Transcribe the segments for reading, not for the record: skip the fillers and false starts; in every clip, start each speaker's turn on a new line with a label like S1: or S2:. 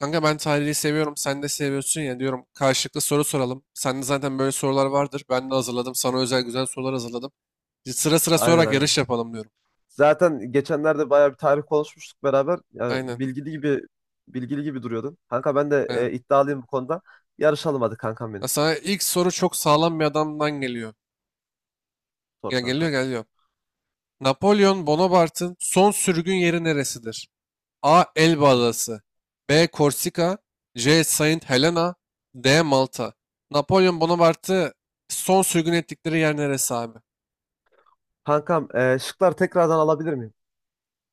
S1: Kanka ben tarihi seviyorum. Sen de seviyorsun ya, diyorum. Karşılıklı soru soralım. Sende zaten böyle sorular vardır. Ben de hazırladım. Sana özel güzel sorular hazırladım. Sıra sıra
S2: Aynen
S1: sorarak
S2: aynen.
S1: yarış yapalım diyorum.
S2: Zaten geçenlerde bayağı bir tarih konuşmuştuk beraber. Yani
S1: Aynen.
S2: bilgili gibi duruyordun. Kanka ben de
S1: Aynen.
S2: iddialıyım bu konuda. Yarışalım hadi kankam benim.
S1: Ya, sana ilk soru çok sağlam bir adamdan geliyor.
S2: Sor
S1: Ya,
S2: kankam.
S1: geliyor geliyor. Napolyon Bonaparte'ın son sürgün yeri neresidir? A. Elba
S2: Hı hı.
S1: Adası. B. Korsika. C. Saint Helena. D. Malta. Napolyon Bonaparte'ı son sürgün ettikleri yer neresi abi?
S2: Kankam şıklar tekrardan alabilir miyim?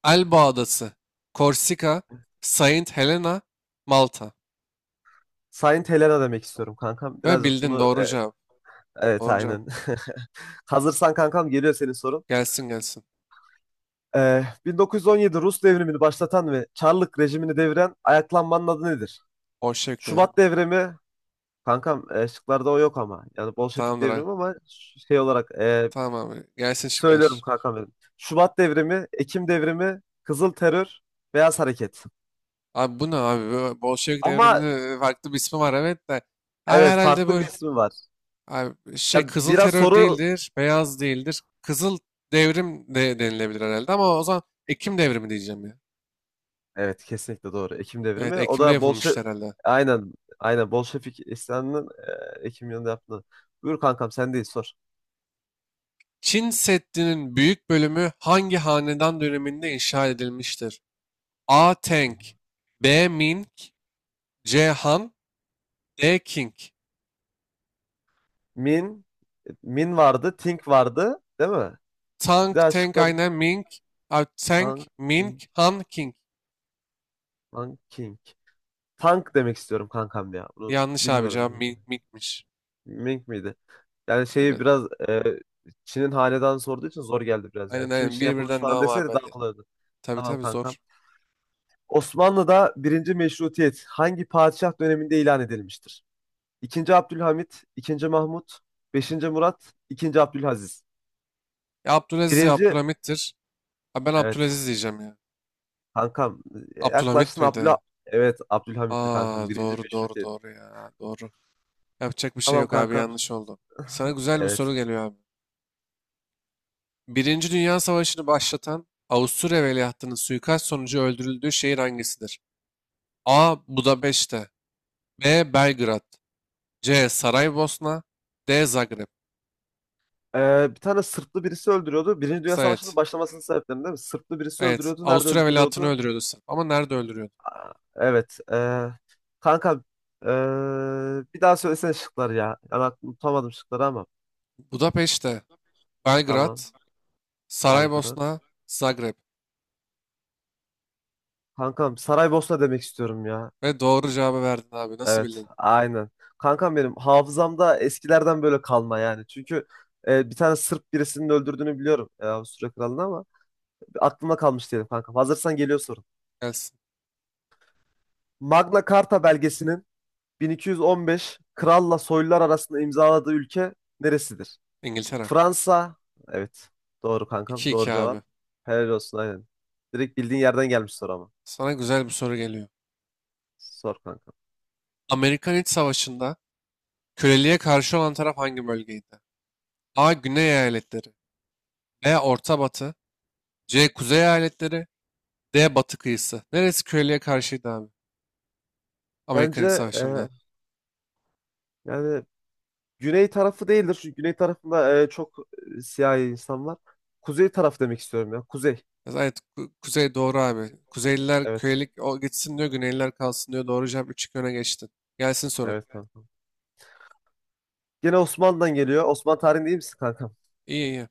S1: Elba Adası, Korsika, Saint Helena, Malta.
S2: Saint Helena demek istiyorum kankam.
S1: Ve
S2: Birazcık
S1: bildin,
S2: bunu
S1: doğru cevap.
S2: evet
S1: Doğru cevap.
S2: aynen. Hazırsan kankam geliyor senin sorun.
S1: Gelsin gelsin.
S2: 1917 Rus devrimini başlatan ve Çarlık rejimini deviren ayaklanmanın adı nedir?
S1: Bolşevik devrimi.
S2: Şubat devrimi. Kankam şıklarda o yok ama. Yani Bolşevik
S1: Tamamdır abi.
S2: devrimi, ama şey olarak
S1: Tamam abi. Gelsin
S2: söylüyorum
S1: şıklar.
S2: kankam benim. Şubat devrimi, Ekim devrimi, Kızıl Terör, Beyaz Hareket.
S1: Abi, bu ne abi? Bu Bolşevik
S2: Ama
S1: devriminin farklı bir ismi var, evet de. Abi
S2: evet
S1: herhalde
S2: farklı
S1: bu
S2: bir ismi var.
S1: abi
S2: Ya
S1: şey kızıl
S2: biraz
S1: terör
S2: soru
S1: değildir. Beyaz değildir. Kızıl devrim de denilebilir herhalde, ama o zaman Ekim devrimi diyeceğim ya.
S2: evet kesinlikle doğru. Ekim
S1: Evet,
S2: devrimi. O
S1: Ekim'de
S2: da Bolşe
S1: yapılmıştı herhalde.
S2: aynen aynen, Bolşevik isyanının Ekim yılında yaptığı. Buyur kankam, sen değil sor.
S1: Çin Seddi'nin büyük bölümü hangi hanedan döneminde inşa edilmiştir? A.
S2: Hı hı.
S1: Tang B. Ming C. Han D. King
S2: Min Min vardı, Think vardı, değil mi? Bir
S1: Tang,
S2: daha
S1: Tang
S2: şıklar.
S1: aynen Ming. Abi Tang,
S2: Tank,
S1: Ming,
S2: Think,
S1: Han, King.
S2: Tank, King. Tank demek istiyorum kankam ya. Bunu
S1: Yanlış abi
S2: bilmiyorum
S1: cevap,
S2: yani.
S1: Ming, Ming'miş.
S2: Ming miydi? Yani şeyi
S1: Aynen.
S2: biraz e, Çin'in hanedanı sorduğu için zor geldi biraz
S1: Aynen
S2: yani. Kim
S1: aynen.
S2: için
S1: Bir
S2: yapılmış
S1: birden
S2: falan
S1: devam abi,
S2: deseydi daha
S1: hadi.
S2: kolay olurdu.
S1: Tabii
S2: Tamam
S1: tabii zor.
S2: kankam. Osmanlı'da birinci meşrutiyet hangi padişah döneminde ilan edilmiştir? İkinci Abdülhamit, ikinci Mahmut, beşinci Murat, ikinci Abdülaziz.
S1: Ya Abdülaziz ya
S2: Birinci,
S1: Abdülhamit'tir. Abi ben
S2: evet
S1: Abdülaziz diyeceğim ya.
S2: kankam,
S1: Abdülhamit
S2: yaklaştın.
S1: miydi?
S2: Evet, Abdülhamit'ti kankam
S1: Aa,
S2: birinci
S1: doğru doğru
S2: meşrutiyet.
S1: doğru ya. Doğru. Yapacak bir şey
S2: Tamam
S1: yok abi,
S2: kankam,
S1: yanlış oldu. Sana güzel bir
S2: evet.
S1: soru geliyor abi. Birinci Dünya Savaşı'nı başlatan Avusturya Veliahtının suikast sonucu öldürüldüğü şehir hangisidir? A. Budapeşte B. Belgrad C. Saraybosna D. Zagreb
S2: Bir tane Sırplı birisi öldürüyordu. Birinci Dünya Savaşı'nın
S1: Evet.
S2: başlamasının sebeplerinden değil mi? Sırplı birisi
S1: Evet.
S2: öldürüyordu. Nerede
S1: Avusturya Veliahtını
S2: öldürüyordu?
S1: öldürüyordu Sırp. Ama nerede öldürüyordu?
S2: Evet. Kanka ee, bir daha söylesene şıkları ya. Yani aklım tutamadım şıkları ama.
S1: Budapeşte, Belgrad,
S2: Tamam. Belgrad.
S1: Saraybosna, Zagreb.
S2: Kankam Saraybosna demek istiyorum ya.
S1: Ve doğru cevabı verdin abi. Nasıl
S2: Evet.
S1: bildin?
S2: Aynen. Kankam benim hafızamda eskilerden böyle kalma yani. Çünkü bir tane Sırp birisinin öldürdüğünü biliyorum. Avusturya kralını, ama aklımda kalmış diyelim kankam. Hazırsan geliyor sorun.
S1: Gelsin.
S2: Magna Carta belgesinin 1215 kralla soylular arasında imzaladığı ülke neresidir?
S1: İngiltere.
S2: Fransa. Evet. Doğru
S1: 2
S2: kankam. Doğru
S1: iki abi.
S2: cevap. Helal olsun, aynen. Direkt bildiğin yerden gelmiş soru ama.
S1: Sana güzel bir soru geliyor.
S2: Sor kankam.
S1: Amerikan İç Savaşı'nda köleliğe karşı olan taraf hangi bölgeydi? A. Güney eyaletleri. B. Orta Batı. C. Kuzey Eyaletleri. D. Batı kıyısı. Neresi köylüye karşıydı abi? Amerikan
S2: Bence
S1: İç Savaşı'nda.
S2: yani güney tarafı değildir. Çünkü güney tarafında çok siyahi insan var. Kuzey taraf demek istiyorum ya. Kuzey.
S1: Evet, Kuzey doğru abi. Kuzeyliler
S2: Evet.
S1: köylük o gitsin diyor, Güneyliler kalsın diyor. Doğru cevap, 3-2 öne geçtin. Gelsin sorun.
S2: Evet kankam. Gene Osmanlı'dan geliyor. Osmanlı tarihi değil misin kankam?
S1: İyi iyi.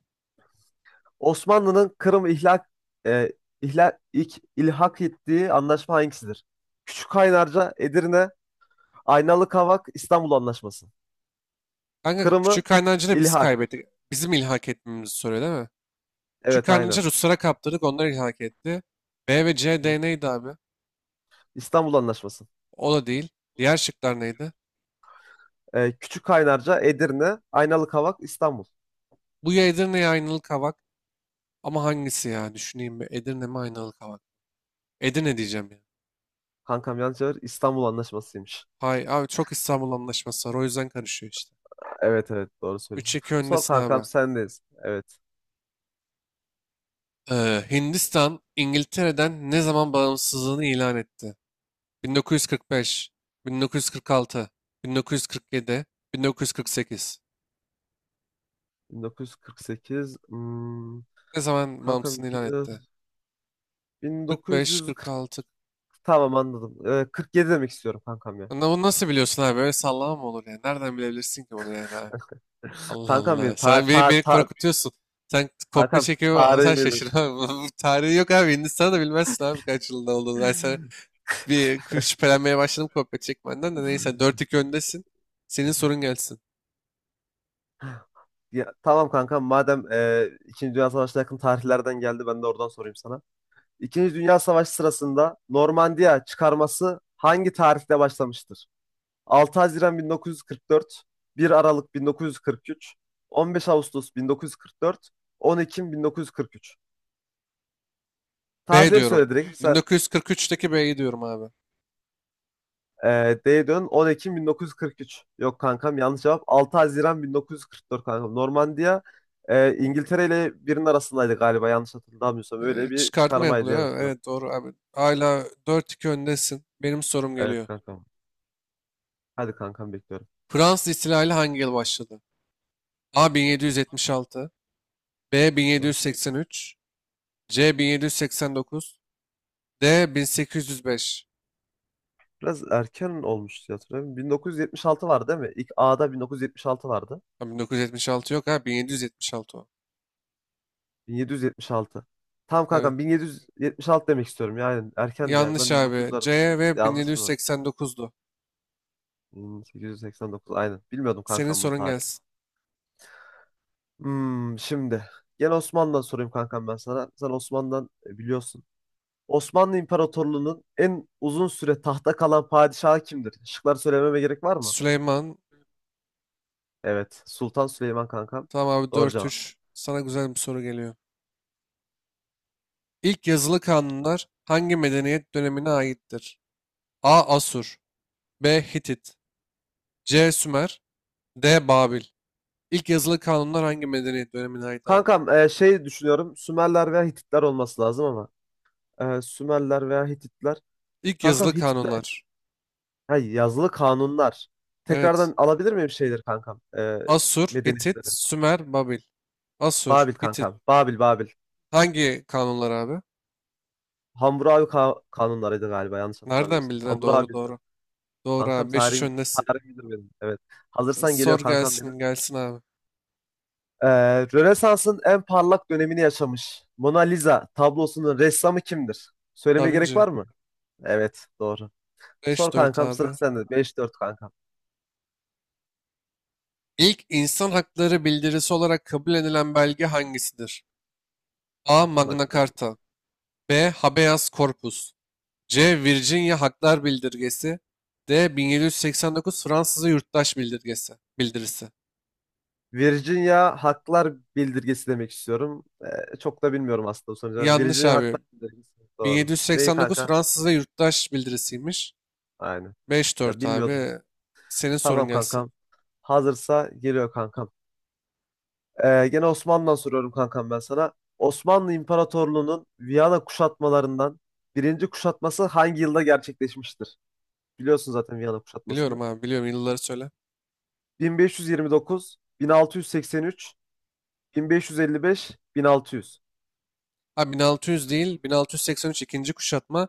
S2: Osmanlı'nın Kırım ihlak e, ihlal ilk ilhak ettiği anlaşma hangisidir? Küçük Kaynarca, Edirne, Aynalı Kavak, İstanbul Anlaşması.
S1: Kanka
S2: Kırım'ı
S1: Küçük da biz
S2: ilhak.
S1: kaybettik. Bizim ilhak etmemizi soruyor, değil mi? Küçük
S2: Evet
S1: kaynancı
S2: aynen.
S1: Ruslara kaptırdık, onlar ilhak etti. B ve C,
S2: Hı.
S1: D neydi abi?
S2: İstanbul Anlaşması.
S1: O da değil. Diğer şıklar neydi?
S2: Küçük Kaynarca, Edirne, Aynalı Kavak, İstanbul.
S1: Bu ya Edirne ya Aynalı Kavak. Ama hangisi ya? Düşüneyim bir. Edirne mi, Aynalı Kavak? Edirne diyeceğim ya.
S2: Kankam, yanlış cevap, İstanbul Anlaşması'ymış.
S1: Hay abi, çok İstanbul Anlaşması var. O yüzden karışıyor işte.
S2: Evet evet, doğru söylüyorsun.
S1: 3-2
S2: Sor
S1: öndesin
S2: kankam,
S1: abi.
S2: sendeyiz. Evet.
S1: Hindistan İngiltere'den ne zaman bağımsızlığını ilan etti? 1945, 1946, 1947, 1948.
S2: 1948.
S1: Ne zaman
S2: Kankam,
S1: bağımsızlığını ilan etti? 45,
S2: 1940,
S1: 46.
S2: tamam anladım. 47 demek istiyorum kankam ya.
S1: Lan, bunu nasıl biliyorsun abi? Öyle sallama mı olur yani? Nereden bilebilirsin ki bunu yani abi? Allah
S2: Kankam
S1: Allah.
S2: benim, ta
S1: Sen beni,
S2: ta
S1: beni
S2: ta
S1: korkutuyorsun. Sen kopya
S2: kankam
S1: çekiyor, sen
S2: tarihim
S1: şaşır
S2: iyidir.
S1: abi. Bu tarihi yok abi. Hindistan'ı da bilmezsin abi kaç yılında olduğunu. Ben sana şüphelenmeye başladım kopya çekmenden de, neyse, 4-2 öndesin. Senin sorun gelsin.
S2: Ya, tamam kankam, madem İkinci Dünya Savaşı'na yakın tarihlerden geldi, ben de oradan sorayım sana. İkinci Dünya Savaşı sırasında Normandiya çıkarması hangi tarihte başlamıştır? 6 Haziran 1944, 1 Aralık 1943, 15 Ağustos 1944, 10 Ekim 1943.
S1: B
S2: Tarihleri
S1: diyorum.
S2: söyle direkt.
S1: 1943'teki B'yi diyorum abi.
S2: D dön, 10 Ekim 1943. Yok kankam, yanlış cevap. 6 Haziran 1944 kankam. Normandiya İngiltere ile birinin arasındaydı galiba, yanlış hatırlamıyorsam. Öyle bir
S1: Çıkartma
S2: çıkarmaydı diye
S1: yapılıyor.
S2: güzel
S1: Ha?
S2: hatırlıyorum.
S1: Evet doğru abi. Hala 4-2 öndesin. Benim sorum
S2: Evet
S1: geliyor.
S2: kankam. Hadi kankam, bekliyorum.
S1: Fransız ihtilali hangi yıl başladı? A 1776, B
S2: Biraz,
S1: 1783, C 1789, D 1805.
S2: biraz erken olmuş diye hatırlıyorum. 1976 vardı değil mi? İlk A'da 1976 vardı.
S1: Ha, 1976 yok, ha 1776 o.
S2: 1776. Tamam
S1: Evet.
S2: kankam, 1776 demek istiyorum yani. Erkendi yani.
S1: Yanlış
S2: Ben
S1: abi.
S2: 1900'lar
S1: C
S2: arası.
S1: ve
S2: Yanlış mı?
S1: 1789'du.
S2: 1889, aynen. Bilmiyordum
S1: Senin
S2: kankam bunun
S1: sorun
S2: tarihi.
S1: gelsin.
S2: Şimdi gel, Osmanlı'dan sorayım kankam ben sana. Sen Osmanlı'dan biliyorsun. Osmanlı İmparatorluğu'nun en uzun süre tahta kalan padişahı kimdir? Şıklar söylememe gerek var mı?
S1: Süleyman,
S2: Evet, Sultan Süleyman kankam.
S1: tamam abi,
S2: Doğru
S1: dört
S2: cevap.
S1: üç. Sana güzel bir soru geliyor. İlk yazılı kanunlar hangi medeniyet dönemine aittir? A. Asur B. Hitit C. Sümer D. Babil İlk yazılı kanunlar hangi medeniyet dönemine ait abi?
S2: Kankam şey düşünüyorum. Sümerler veya Hititler olması lazım ama. Sümerler veya Hititler.
S1: İlk
S2: Kankam
S1: yazılı
S2: Hititler.
S1: kanunlar.
S2: Hay, yazılı kanunlar.
S1: Evet.
S2: Tekrardan alabilir miyim şeyleri kankam?
S1: Asur, Hitit,
S2: Medeniyetleri.
S1: Sümer, Babil. Asur,
S2: Babil
S1: Hitit.
S2: kankam. Babil, Babil.
S1: Hangi kanunlar abi?
S2: Hammurabi kanunlarıydı galiba, yanlış
S1: Nereden
S2: hatırlamıyorsam.
S1: bildin? Ha, doğru
S2: Hammurabi'ydi.
S1: doğru. Doğru
S2: Kankam,
S1: abi. Beş 3 öndesin.
S2: tarihim bilir benim. Evet. Hazırsan
S1: Sor,
S2: geliyor kankam benim.
S1: gelsin gelsin abi.
S2: Ee, Rönesans'ın en parlak dönemini yaşamış Mona Lisa tablosunun ressamı kimdir?
S1: Da
S2: Söylemeye gerek
S1: Vinci.
S2: var mı? Evet, doğru. Sor
S1: 5-4
S2: kankam, sıra
S1: abi.
S2: sende. 5-4 kankam.
S1: İlk insan hakları bildirisi olarak kabul edilen belge hangisidir? A.
S2: Son
S1: Magna
S2: haklar.
S1: Carta B. Habeas Corpus C. Virginia Haklar Bildirgesi D. 1789 Fransız ve Yurttaş Bildirgesi Bildirisi.
S2: Virginia Haklar Bildirgesi demek istiyorum. Çok da bilmiyorum aslında bu sonucu.
S1: Yanlış
S2: Virginia
S1: abi.
S2: Haklar Bildirgesi. Doğru. Neyi
S1: 1789
S2: kanka?
S1: Fransız ve Yurttaş Bildirisiymiş.
S2: Aynen.
S1: Beş
S2: Ya
S1: dört
S2: bilmiyordum.
S1: abi. Senin sorun
S2: Tamam
S1: gelsin.
S2: kankam. Hazırsa geliyor kankam. Gene Osmanlı'dan soruyorum kankam ben sana. Osmanlı İmparatorluğu'nun Viyana kuşatmalarından birinci kuşatması hangi yılda gerçekleşmiştir? Biliyorsun zaten Viyana kuşatmasını.
S1: Biliyorum abi biliyorum, yılları söyle.
S2: 1529, 1683, 1555, 1600.
S1: Abi 1600 değil, 1683 ikinci kuşatma.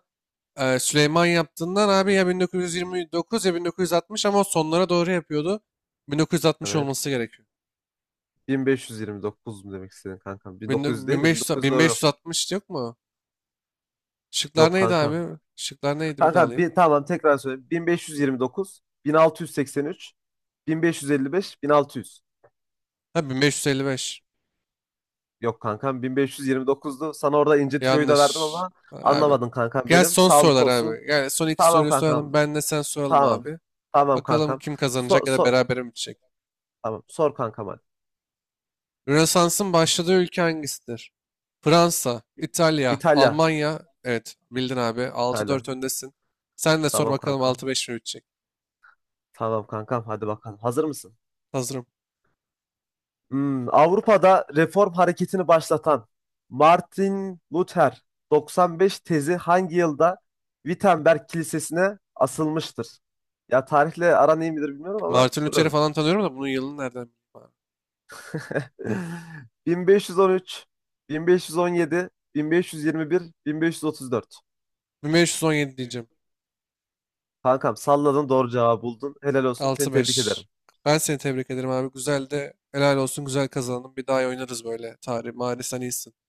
S1: Süleyman yaptığından abi ya 1929 ya 1960, ama o sonlara doğru yapıyordu. 1960
S2: Evet.
S1: olması gerekiyor.
S2: 1529 mu demek istedin kankam? 1900 değil de
S1: 1500,
S2: 1900, doğru yok.
S1: 1560 yok mu? Şıklar
S2: Yok
S1: neydi
S2: kankam.
S1: abi? Şıklar neydi, bir daha
S2: Kankam
S1: alayım.
S2: bir, tamam, tekrar söyleyeyim. 1529, 1683, 1555, 1600.
S1: Ha, 1555.
S2: Yok kankam, 1529'du. Sana orada ince tüyoyu da verdim
S1: Yanlış.
S2: ama
S1: Abi.
S2: anlamadın kankam
S1: Gel
S2: benim.
S1: son
S2: Sağlık
S1: sorular
S2: olsun.
S1: abi. Gel, son iki
S2: Tamam
S1: soruyu soralım.
S2: kankam.
S1: Ben de sen soralım
S2: Tamam.
S1: abi.
S2: Tamam
S1: Bakalım
S2: kankam.
S1: kim
S2: So,
S1: kazanacak ya da
S2: so,
S1: berabere mi bitecek.
S2: tamam. Sor kankam hadi.
S1: Rönesans'ın başladığı ülke hangisidir? Fransa, İtalya,
S2: İtalya.
S1: Almanya. Evet, bildin abi. altı
S2: İtalya.
S1: dört öndesin. Sen de sor
S2: Tamam
S1: bakalım,
S2: kankam.
S1: 6-5 mi bitecek?
S2: Tamam kankam. Hadi bakalım. Hazır mısın?
S1: Hazırım.
S2: Avrupa'da reform hareketini başlatan Martin Luther 95 tezi hangi yılda Wittenberg Kilisesi'ne asılmıştır? Ya tarihle aran iyi midir bilmiyorum ama
S1: Martin Luther'i
S2: soruyorum.
S1: falan tanıyorum da bunun yılını nereden bileyim abi?
S2: 1513, 1517, 1521, 1534.
S1: 1517 diyeceğim.
S2: Kankam salladın, doğru cevabı buldun. Helal olsun. Seni
S1: Altı
S2: tebrik
S1: beş.
S2: ederim.
S1: Ben seni tebrik ederim abi. Güzel de, helal olsun, güzel kazandın. Bir daha oynarız böyle. Tarih, maalesef sen iyisin.